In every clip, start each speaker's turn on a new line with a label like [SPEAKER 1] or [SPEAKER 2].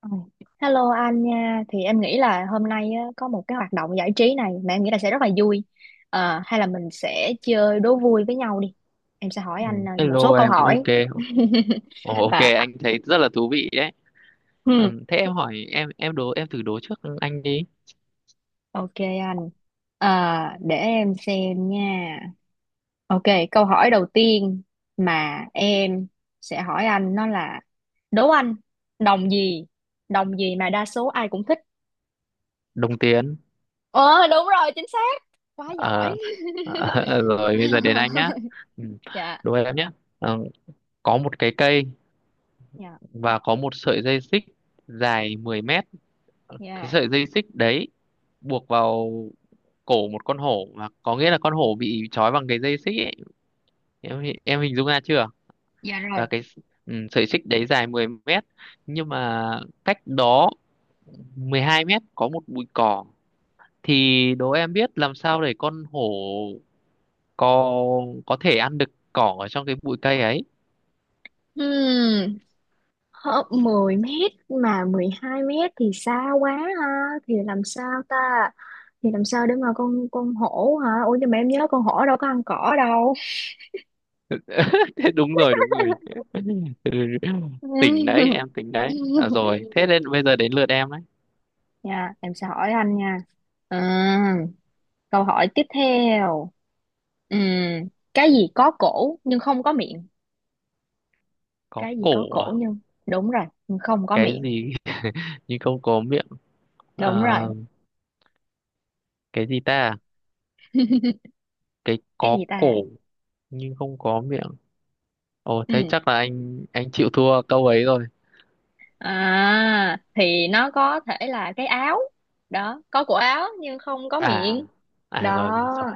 [SPEAKER 1] Ừ. Hello anh nha, thì em nghĩ là hôm nay á, có một cái hoạt động giải trí này mà em nghĩ là sẽ rất là vui. Hay là mình sẽ chơi đố vui với nhau đi. Em sẽ hỏi
[SPEAKER 2] Ừ,
[SPEAKER 1] anh một số
[SPEAKER 2] hello
[SPEAKER 1] câu
[SPEAKER 2] em,
[SPEAKER 1] hỏi.
[SPEAKER 2] ok. Ồ, ok,
[SPEAKER 1] Và
[SPEAKER 2] anh thấy rất là thú vị đấy.
[SPEAKER 1] hmm,
[SPEAKER 2] Ừ, thế em hỏi em đố em thử đố trước anh đi.
[SPEAKER 1] ok anh. À, để em xem nha. Ok, câu hỏi đầu tiên mà em sẽ hỏi anh nó là đố anh đồng gì? Đồng gì mà đa số ai cũng thích?
[SPEAKER 2] Đồng tiền.
[SPEAKER 1] Ờ, đúng rồi, chính xác. Quá giỏi.
[SPEAKER 2] Ờ, rồi bây giờ đến anh nhá. Ừ,
[SPEAKER 1] Dạ,
[SPEAKER 2] đố em nhá. Ờ, có một cái cây
[SPEAKER 1] dạ,
[SPEAKER 2] và có một sợi dây xích dài 10 mét. Cái
[SPEAKER 1] dạ,
[SPEAKER 2] sợi dây xích đấy buộc vào cổ một con hổ, và có nghĩa là con hổ bị trói bằng cái dây xích ấy. Em hình dung ra chưa?
[SPEAKER 1] dạ
[SPEAKER 2] Và
[SPEAKER 1] rồi.
[SPEAKER 2] cái sợi xích đấy dài 10 mét, nhưng mà cách đó 12 mét có một bụi cỏ, thì đố em biết làm sao để con hổ có có thể ăn được cỏ ở trong cái bụi cây ấy.
[SPEAKER 1] Hmm, Hớp 10 m mà 12 m thì xa quá ha, thì làm sao ta? Thì làm sao để mà con hổ hả? Ủa nhưng mà em nhớ con hổ đâu có ăn cỏ đâu.
[SPEAKER 2] Đúng rồi, đúng rồi. Tỉnh đấy, em tỉnh đấy à? Rồi, thế nên bây giờ đến lượt em đấy.
[SPEAKER 1] Dạ, em sẽ hỏi anh nha. à, Câu hỏi tiếp theo. Ừm, cái gì có cổ nhưng không có miệng?
[SPEAKER 2] Có
[SPEAKER 1] Cái gì có
[SPEAKER 2] cổ à?
[SPEAKER 1] cổ nhưng, đúng rồi, nhưng không có
[SPEAKER 2] Cái
[SPEAKER 1] miệng.
[SPEAKER 2] gì nhưng không có miệng? À,
[SPEAKER 1] Đúng rồi,
[SPEAKER 2] cái gì ta, cái
[SPEAKER 1] cái
[SPEAKER 2] có
[SPEAKER 1] gì
[SPEAKER 2] cổ
[SPEAKER 1] ta.
[SPEAKER 2] nhưng không có miệng? Ồ thế chắc là anh chịu thua câu ấy rồi.
[SPEAKER 1] À thì nó có thể là cái áo, đó, có cổ áo nhưng không có
[SPEAKER 2] À,
[SPEAKER 1] miệng.
[SPEAKER 2] à rồi
[SPEAKER 1] Đó,
[SPEAKER 2] rồi rồi.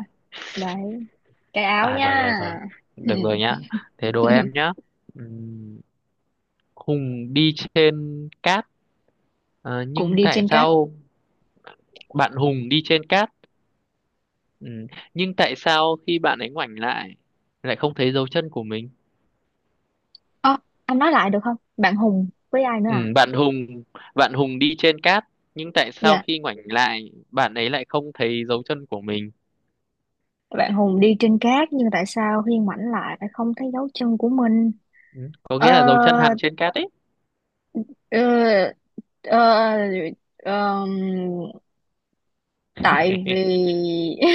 [SPEAKER 1] đấy, cái áo
[SPEAKER 2] À rồi rồi
[SPEAKER 1] nha.
[SPEAKER 2] rồi.
[SPEAKER 1] Ừ.
[SPEAKER 2] Được rồi nhá. Thế đố em nhá. Ừm, Hùng đi trên cát,
[SPEAKER 1] Cũng
[SPEAKER 2] nhưng
[SPEAKER 1] đi
[SPEAKER 2] tại
[SPEAKER 1] trên cát.
[SPEAKER 2] sao bạn Hùng đi trên cát ừm, nhưng tại sao khi bạn ấy ngoảnh lại, lại không thấy dấu chân của mình?
[SPEAKER 1] Ơ, anh nói lại được không, bạn Hùng với ai nữa à?
[SPEAKER 2] Ừm, bạn Hùng bạn Hùng đi trên cát, nhưng tại sao
[SPEAKER 1] Dạ,
[SPEAKER 2] khi ngoảnh lại bạn ấy lại không thấy dấu chân của mình?
[SPEAKER 1] bạn Hùng đi trên cát nhưng tại sao Hiên ngoảnh lại lại không thấy dấu chân của mình?
[SPEAKER 2] Có
[SPEAKER 1] ờ,
[SPEAKER 2] nghĩa là dấu chân hằn trên cát ấy.
[SPEAKER 1] ờ, ờ, ờ, Tại vì,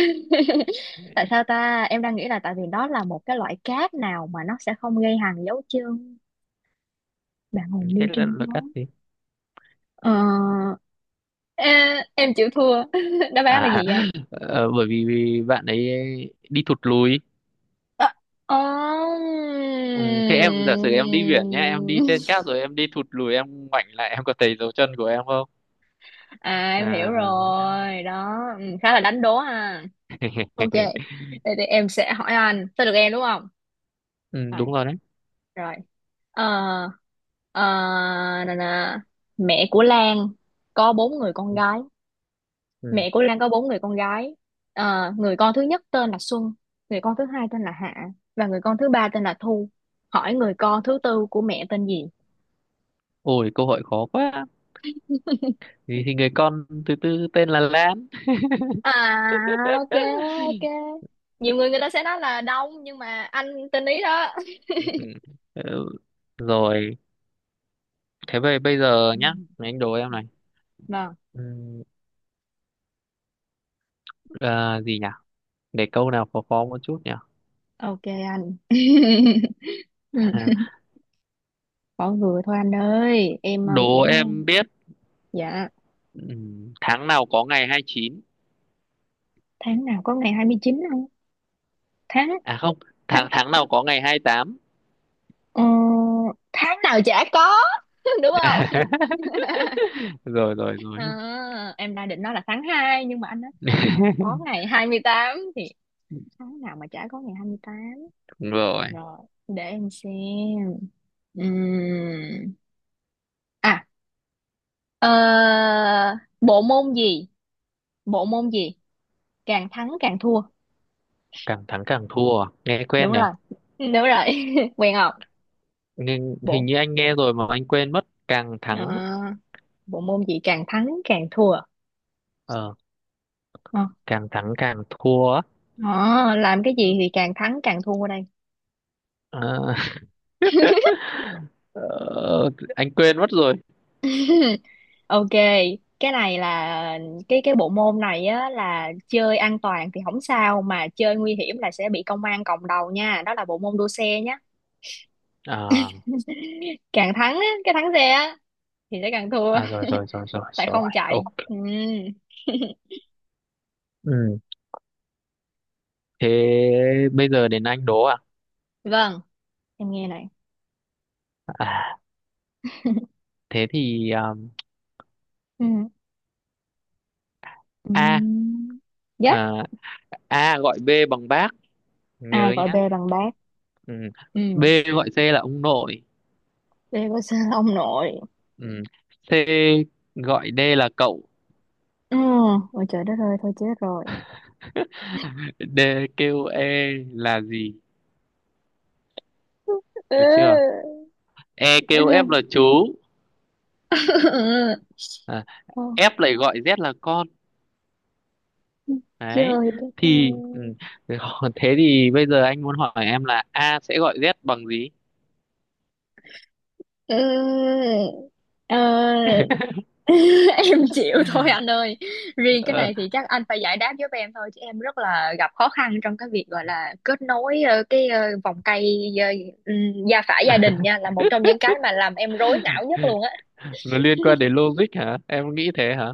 [SPEAKER 1] tại sao ta, em đang nghĩ là tại vì đó là một cái loại cát nào mà nó sẽ không gây hằn dấu chân. Bạn hồn
[SPEAKER 2] Thế
[SPEAKER 1] đi
[SPEAKER 2] là,
[SPEAKER 1] trên
[SPEAKER 2] là
[SPEAKER 1] gió.
[SPEAKER 2] cát gì?
[SPEAKER 1] ờ, ê, em chịu thua. Đáp án là
[SPEAKER 2] À,
[SPEAKER 1] gì vậy anh?
[SPEAKER 2] bởi vì vì bạn ấy đi thụt lùi.
[SPEAKER 1] Ờ,
[SPEAKER 2] Ừ, thế em giả sử em đi biển nhá, em đi
[SPEAKER 1] ừm.
[SPEAKER 2] trên cát rồi em đi thụt lùi, em ngoảnh lại em có thấy dấu chân của em không?
[SPEAKER 1] À em hiểu
[SPEAKER 2] À
[SPEAKER 1] rồi đó, ừ, khá là đánh đố ha. Ok. Vậy thì em sẽ hỏi anh tới được em đúng không.
[SPEAKER 2] ừ,
[SPEAKER 1] Rồi
[SPEAKER 2] đúng rồi đấy.
[SPEAKER 1] rồi. ờ ờ, Nè nè. Mẹ của Lan có 4 người con gái.
[SPEAKER 2] Ừ,
[SPEAKER 1] Mẹ của Lan có bốn người con gái. Ờ, người con thứ nhất tên là Xuân, người con thứ hai tên là Hạ, và người con thứ ba tên là Thu. Hỏi người con thứ tư của mẹ tên gì?
[SPEAKER 2] ôi câu hỏi khó quá, thì người con thứ tư tên là Lan.
[SPEAKER 1] À, ok, ok, nhiều người người ta sẽ nói là Đông nhưng mà anh tên ý đó.
[SPEAKER 2] Ừ, rồi thế bây bây giờ
[SPEAKER 1] Ừ,
[SPEAKER 2] nhá, anh đố em
[SPEAKER 1] dạ.
[SPEAKER 2] này.
[SPEAKER 1] Vâng,
[SPEAKER 2] Ừ, gì nhỉ, để câu nào khó khó một chút nhỉ.
[SPEAKER 1] ok anh. Ừ, bỏ vừa thôi anh ơi em
[SPEAKER 2] Đố
[SPEAKER 1] cũng
[SPEAKER 2] em biết,
[SPEAKER 1] dạ.
[SPEAKER 2] ừ, tháng nào có ngày 29.
[SPEAKER 1] Tháng nào có ngày 29 không? Tháng
[SPEAKER 2] À không, tháng
[SPEAKER 1] tháng
[SPEAKER 2] tháng nào có ngày 28.
[SPEAKER 1] ờ, Tháng nào chả có. Đúng không?
[SPEAKER 2] Rồi rồi rồi.
[SPEAKER 1] À, em đang định nói là tháng 2 nhưng mà anh nói tháng nào có ngày 28 thì tháng nào mà chả có ngày 28.
[SPEAKER 2] Đúng rồi.
[SPEAKER 1] Rồi để em xem. Ừm, à ờ, Bộ môn gì, bộ môn gì càng thắng càng thua?
[SPEAKER 2] Càng thắng càng thua à? Nghe quen
[SPEAKER 1] Đúng
[SPEAKER 2] nhỉ.
[SPEAKER 1] rồi, đúng rồi. Quen không?
[SPEAKER 2] Nhưng hình
[SPEAKER 1] bộ
[SPEAKER 2] như anh nghe rồi mà anh quên mất, càng thắng
[SPEAKER 1] ờ, Bộ môn gì càng thắng càng thua.
[SPEAKER 2] ờ
[SPEAKER 1] Ờ,
[SPEAKER 2] càng thắng càng thua á.
[SPEAKER 1] Ờ, làm cái gì thì càng thắng càng thua đây.
[SPEAKER 2] Ờ, ờ, anh quên mất rồi.
[SPEAKER 1] Ok, cái này là cái bộ môn này á là chơi an toàn thì không sao mà chơi nguy hiểm là sẽ bị công an còng đầu nha. Đó là bộ môn đua xe nhá.
[SPEAKER 2] à,
[SPEAKER 1] Càng thắng á, cái thắng xe á thì sẽ càng thua
[SPEAKER 2] à rồi rồi rồi rồi
[SPEAKER 1] tại
[SPEAKER 2] rồi,
[SPEAKER 1] không chạy.
[SPEAKER 2] ok.
[SPEAKER 1] Ừ.
[SPEAKER 2] Ừ, thế bây giờ đến anh đố. À,
[SPEAKER 1] Vâng, em nghe này.
[SPEAKER 2] à, thế thì
[SPEAKER 1] Ừ. Ừ.
[SPEAKER 2] a
[SPEAKER 1] Dạ,
[SPEAKER 2] à, a gọi B bằng bác, nhớ
[SPEAKER 1] ai gọi
[SPEAKER 2] nhá.
[SPEAKER 1] B bằng bác.
[SPEAKER 2] Ừ,
[SPEAKER 1] Ừ.
[SPEAKER 2] B gọi C là ông nội.
[SPEAKER 1] B có sao ông nội.
[SPEAKER 2] Ừ, C gọi D là cậu.
[SPEAKER 1] Ừ. Ôi trời đất ơi, thôi chết rồi.
[SPEAKER 2] D kêu E là gì, được chưa. E kêu F là chú.
[SPEAKER 1] Ừ.
[SPEAKER 2] À,
[SPEAKER 1] Ờ.
[SPEAKER 2] F lại gọi Z là con đấy.
[SPEAKER 1] Trời đất
[SPEAKER 2] Thì
[SPEAKER 1] ơi.
[SPEAKER 2] ừ, thế thì bây giờ anh muốn hỏi em là A sẽ gọi Z bằng gì.
[SPEAKER 1] Ừ, ờ, em chịu thôi anh ơi. Riêng cái
[SPEAKER 2] Ờ,
[SPEAKER 1] này thì chắc anh phải giải đáp giúp em thôi chứ em rất là gặp khó khăn trong cái việc gọi là kết nối cái vòng cây, gia phả gia đình nha, là một trong những cái mà làm em rối não nhất luôn á.
[SPEAKER 2] nó liên quan đến logic hả, em nghĩ thế hả?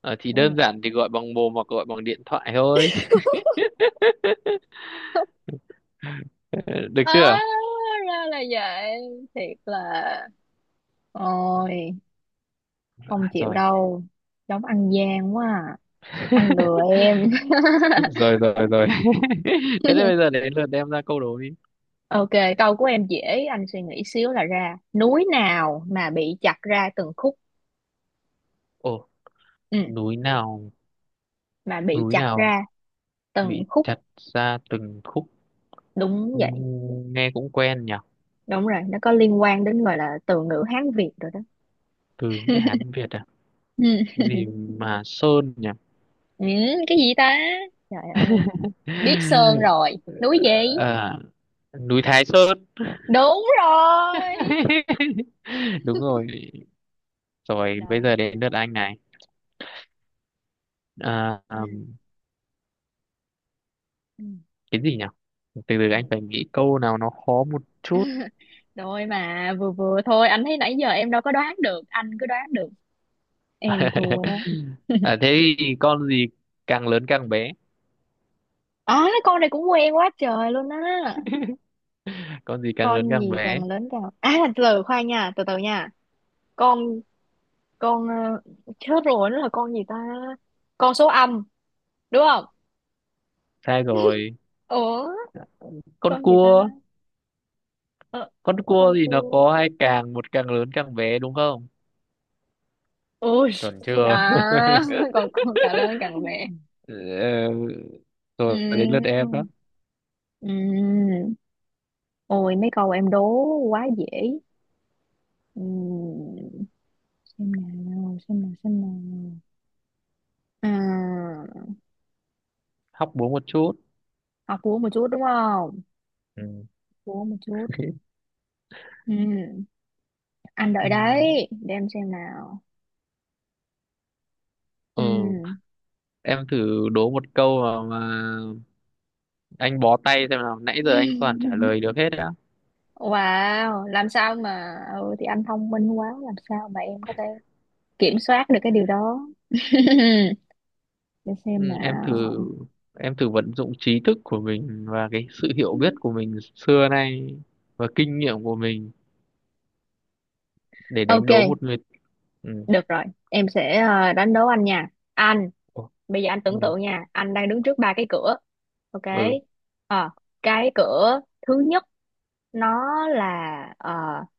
[SPEAKER 2] Ờ, thì đơn
[SPEAKER 1] Ừ.
[SPEAKER 2] giản thì gọi bằng mồm hoặc gọi bằng điện thoại thôi. Được
[SPEAKER 1] À,
[SPEAKER 2] chưa?
[SPEAKER 1] ra là vậy. Thiệt là ôi
[SPEAKER 2] À,
[SPEAKER 1] không chịu
[SPEAKER 2] rồi.
[SPEAKER 1] đâu. Giống ăn gian quá à. Anh lừa em.
[SPEAKER 2] Rồi rồi rồi. Thế nên bây giờ đến lượt em ra câu đố đi.
[SPEAKER 1] Ok, câu của em dễ, anh suy nghĩ xíu là ra. Núi nào mà bị chặt ra từng khúc?
[SPEAKER 2] Ồ,
[SPEAKER 1] Ừ,
[SPEAKER 2] núi nào
[SPEAKER 1] mà bị
[SPEAKER 2] núi
[SPEAKER 1] chặt
[SPEAKER 2] nào
[SPEAKER 1] ra từng
[SPEAKER 2] bị
[SPEAKER 1] khúc.
[SPEAKER 2] chặt ra từng khúc?
[SPEAKER 1] Đúng vậy,
[SPEAKER 2] Nghe cũng quen nhỉ.
[SPEAKER 1] đúng rồi, nó có liên quan đến gọi là từ ngữ Hán Việt rồi đó.
[SPEAKER 2] Từ nghĩa Hán Việt à? Gì mà Sơn nhỉ?
[SPEAKER 1] Ừ, cái gì ta? Trời ơi, biết sơn rồi. Núi gì?
[SPEAKER 2] À, núi Thái Sơn.
[SPEAKER 1] Đúng rồi.
[SPEAKER 2] Đúng rồi. Rồi bây
[SPEAKER 1] Đó.
[SPEAKER 2] giờ đến lượt anh này. À,
[SPEAKER 1] Ừ. Ừ.
[SPEAKER 2] cái gì nhỉ, từ từ
[SPEAKER 1] Ừ.
[SPEAKER 2] anh phải nghĩ câu nào nó khó một chút.
[SPEAKER 1] Rồi mà vừa vừa thôi, anh thấy nãy giờ em đâu có đoán được, anh cứ đoán được. Em thua đó.
[SPEAKER 2] À, thế thì càng lớn càng bé
[SPEAKER 1] À, con này cũng quen quá trời luôn á.
[SPEAKER 2] con gì càng lớn
[SPEAKER 1] Con
[SPEAKER 2] càng
[SPEAKER 1] gì
[SPEAKER 2] bé?
[SPEAKER 1] càng lớn càng à từ từ khoan nha, từ từ nha. con con ờ, Chết rồi nó là con gì ta. Con số âm đúng không?
[SPEAKER 2] Sai rồi,
[SPEAKER 1] Ủa,
[SPEAKER 2] con
[SPEAKER 1] con gì ta.
[SPEAKER 2] cua.
[SPEAKER 1] ờ,
[SPEAKER 2] Con cua
[SPEAKER 1] con
[SPEAKER 2] thì nó
[SPEAKER 1] cua.
[SPEAKER 2] có hai càng, một càng lớn càng bé đúng không.
[SPEAKER 1] Ui.
[SPEAKER 2] Chuẩn chưa?
[SPEAKER 1] À, còn con càng lớn càng bé.
[SPEAKER 2] Ờ, rồi đến
[SPEAKER 1] Ừm,
[SPEAKER 2] lượt em đó.
[SPEAKER 1] ừm. Ôi mấy câu em đố quá dễ. Ừm, xem nào, xem nào, xem nào. À,
[SPEAKER 2] Hóc búa một chút.
[SPEAKER 1] học vú một chút đúng không?
[SPEAKER 2] Ừ.
[SPEAKER 1] Vú một chút. Ừm, anh đợi
[SPEAKER 2] Ừ.
[SPEAKER 1] đấy để em xem nào. Ừ.
[SPEAKER 2] Ừ, em thử đố một câu mà anh bó tay xem nào, nãy giờ anh toàn trả lời được hết đã.
[SPEAKER 1] Wow, làm sao mà, thì anh thông minh quá, làm sao mà em có thể kiểm soát được cái điều đó. Để xem
[SPEAKER 2] Ừ,
[SPEAKER 1] nào.
[SPEAKER 2] em thử vận dụng trí thức của mình và cái sự hiểu biết của mình xưa nay và kinh nghiệm của mình để đánh
[SPEAKER 1] Ok,
[SPEAKER 2] đố một người. Ừ.
[SPEAKER 1] được rồi, em sẽ đánh đố anh nha. Anh,
[SPEAKER 2] Ồ,
[SPEAKER 1] bây giờ anh
[SPEAKER 2] ừ.
[SPEAKER 1] tưởng tượng nha, anh đang đứng trước 3 cái cửa. Ok.
[SPEAKER 2] Ừ.
[SPEAKER 1] Ờ, cái cửa thứ nhất nó là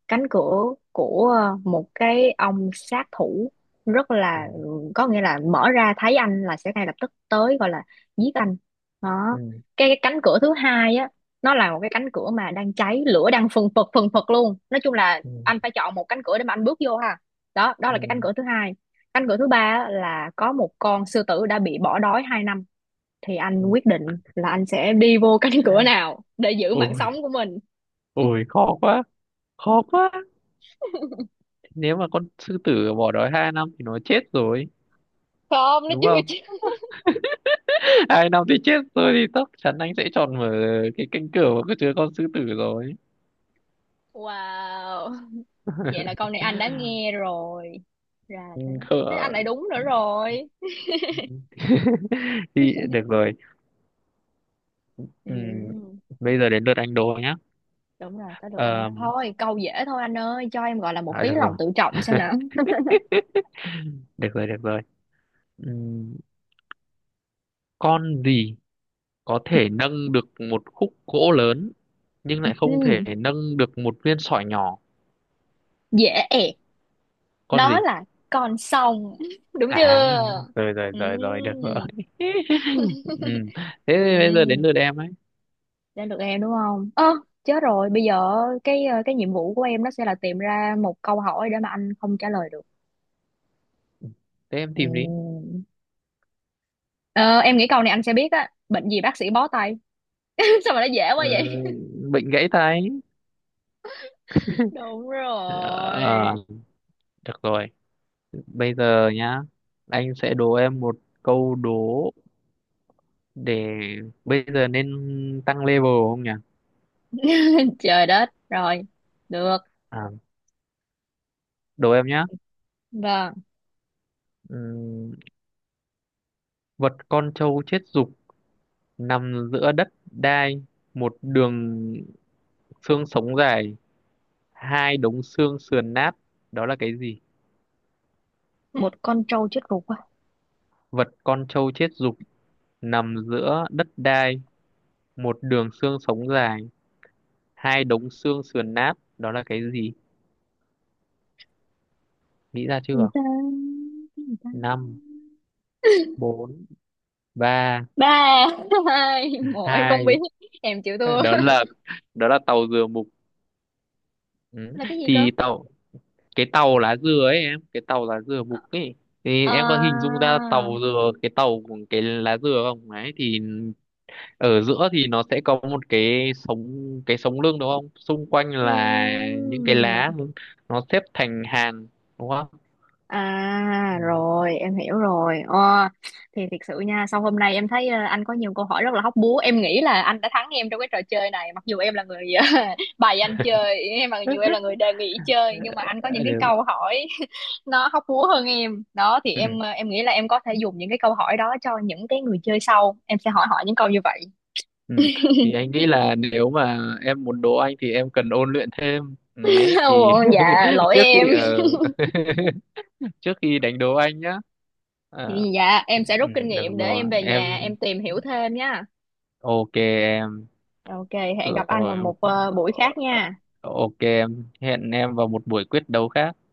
[SPEAKER 1] cánh cửa của một cái ông sát thủ rất là, có nghĩa là mở ra thấy anh là sẽ ngay lập tức tới gọi là giết anh đó.
[SPEAKER 2] Ừ.
[SPEAKER 1] Cái cánh cửa thứ hai á, nó là một cái cánh cửa mà đang cháy lửa đang phừng phực luôn, nói chung là
[SPEAKER 2] Ừ.
[SPEAKER 1] anh phải chọn một cánh cửa để mà anh bước vô ha. Đó đó
[SPEAKER 2] Ừ.
[SPEAKER 1] là cái
[SPEAKER 2] Ừ.
[SPEAKER 1] cánh cửa thứ hai. Anh gửi thứ ba á, là có một con sư tử đã bị bỏ đói 2 năm. Thì anh
[SPEAKER 2] Ừ.
[SPEAKER 1] quyết định là anh sẽ đi vô cánh cửa nào để giữ mạng
[SPEAKER 2] Ôi,
[SPEAKER 1] sống của mình?
[SPEAKER 2] ôi khó quá, khó quá. Nếu mà con sư tử bỏ đói 2 năm thì nó chết rồi
[SPEAKER 1] Không, nó
[SPEAKER 2] đúng
[SPEAKER 1] chưa
[SPEAKER 2] không.
[SPEAKER 1] chứ.
[SPEAKER 2] 2 năm thì chết tôi, thì chắc chắn anh sẽ chọn mở cái cánh cửa mà có chứa con sư tử rồi.
[SPEAKER 1] Wow, vậy là câu này anh đã nghe rồi ra thế.
[SPEAKER 2] Không
[SPEAKER 1] Thế
[SPEAKER 2] ạ.
[SPEAKER 1] anh lại đúng nữa rồi.
[SPEAKER 2] Thì được rồi. Ừ.
[SPEAKER 1] Ừ,
[SPEAKER 2] Bây giờ đến lượt anh Đô nhá.
[SPEAKER 1] đúng rồi, tới được anh
[SPEAKER 2] Ờ,
[SPEAKER 1] đó, thôi câu dễ thôi anh ơi, cho em gọi là một tí
[SPEAKER 2] được rồi.
[SPEAKER 1] lòng tự trọng xem nào.
[SPEAKER 2] Được rồi, được rồi. Ừ, con gì có thể nâng được một khúc gỗ lớn nhưng lại không
[SPEAKER 1] Ừ,
[SPEAKER 2] thể nâng được một viên sỏi nhỏ?
[SPEAKER 1] dễ ẹc.
[SPEAKER 2] Con
[SPEAKER 1] Đó
[SPEAKER 2] gì?
[SPEAKER 1] là con sông. Đúng
[SPEAKER 2] À
[SPEAKER 1] chưa?
[SPEAKER 2] rồi rồi
[SPEAKER 1] Ừ.
[SPEAKER 2] rồi rồi, được rồi. Ừ, thế
[SPEAKER 1] Ừ.
[SPEAKER 2] bây giờ đến lượt em ấy.
[SPEAKER 1] Đến được em đúng không, ơ chết rồi, bây giờ cái cái nhiệm vụ của em nó sẽ là tìm ra một câu hỏi để mà anh không trả lời được.
[SPEAKER 2] Thế em tìm đi.
[SPEAKER 1] Ừm. Ờ, em nghĩ câu này anh sẽ biết á, bệnh gì bác sĩ bó tay? Sao mà nó dễ
[SPEAKER 2] Ừ,
[SPEAKER 1] quá vậy.
[SPEAKER 2] bệnh gãy tay.
[SPEAKER 1] Đúng rồi.
[SPEAKER 2] Ờ, được rồi. Bây giờ nhá, anh sẽ đố em một câu đố, để bây giờ nên tăng level không nhỉ?
[SPEAKER 1] Trời đất rồi, được,
[SPEAKER 2] À, đố em nhá.
[SPEAKER 1] vâng.
[SPEAKER 2] Ừm, Vật con trâu chết dục, nằm giữa đất đai, một đường xương sống dài, hai đống xương sườn nát. Đó là cái gì?
[SPEAKER 1] Một con trâu chết ruột quá.
[SPEAKER 2] Vật con trâu chết dục nằm giữa đất đai, một đường xương sống dài, hai đống xương sườn nát, đó là cái gì, nghĩ ra
[SPEAKER 1] Gì
[SPEAKER 2] chưa?
[SPEAKER 1] ta? Cái gì ta?
[SPEAKER 2] Năm, bốn, ba,
[SPEAKER 1] Ba hai một em không biết.
[SPEAKER 2] hai,
[SPEAKER 1] Em chịu thua.
[SPEAKER 2] đó là, tàu dừa mục. Ừ.
[SPEAKER 1] Là cái gì cơ?
[SPEAKER 2] Thì cái tàu lá dừa ấy em, cái tàu lá dừa mục ấy, thì
[SPEAKER 1] à,
[SPEAKER 2] em có hình dung ra tàu dừa, cái tàu của cái lá dừa không, ấy thì ở giữa thì nó sẽ có một cái sống, cái sống lưng đúng không, xung quanh là những cái
[SPEAKER 1] ừm,
[SPEAKER 2] lá, nó xếp thành hàng đúng không.
[SPEAKER 1] À
[SPEAKER 2] Ừ.
[SPEAKER 1] rồi em hiểu rồi. Ờ. Thì thiệt sự nha, sau hôm nay em thấy anh có nhiều câu hỏi rất là hóc búa. Em nghĩ là anh đã thắng em trong cái trò chơi này. Mặc dù em là người bày anh chơi em, mặc dù em là người đề nghị chơi, nhưng mà anh có
[SPEAKER 2] Ờ,
[SPEAKER 1] những cái
[SPEAKER 2] được.
[SPEAKER 1] câu hỏi nó hóc búa hơn em. Đó thì
[SPEAKER 2] Ừ.
[SPEAKER 1] em, em nghĩ là em có thể dùng những cái câu hỏi đó cho những cái người chơi sau, em sẽ hỏi họ những câu như vậy.
[SPEAKER 2] Ừ. Thì anh nghĩ là nếu mà em muốn đỗ anh thì em cần ôn luyện thêm đấy, thì
[SPEAKER 1] Ồ, dạ lỗi
[SPEAKER 2] trước
[SPEAKER 1] em.
[SPEAKER 2] khi ở trước khi đánh đố anh nhá. Ờ,
[SPEAKER 1] Thì dạ
[SPEAKER 2] ừ,
[SPEAKER 1] em sẽ rút kinh
[SPEAKER 2] được
[SPEAKER 1] nghiệm để
[SPEAKER 2] rồi
[SPEAKER 1] em về
[SPEAKER 2] em,
[SPEAKER 1] nhà em tìm hiểu thêm nha.
[SPEAKER 2] ok em.
[SPEAKER 1] Ok, hẹn
[SPEAKER 2] Được
[SPEAKER 1] gặp anh vào
[SPEAKER 2] rồi.
[SPEAKER 1] một buổi
[SPEAKER 2] Ờ,
[SPEAKER 1] khác
[SPEAKER 2] ờ,
[SPEAKER 1] nha.
[SPEAKER 2] ok em, hẹn em vào một buổi quyết đấu khác.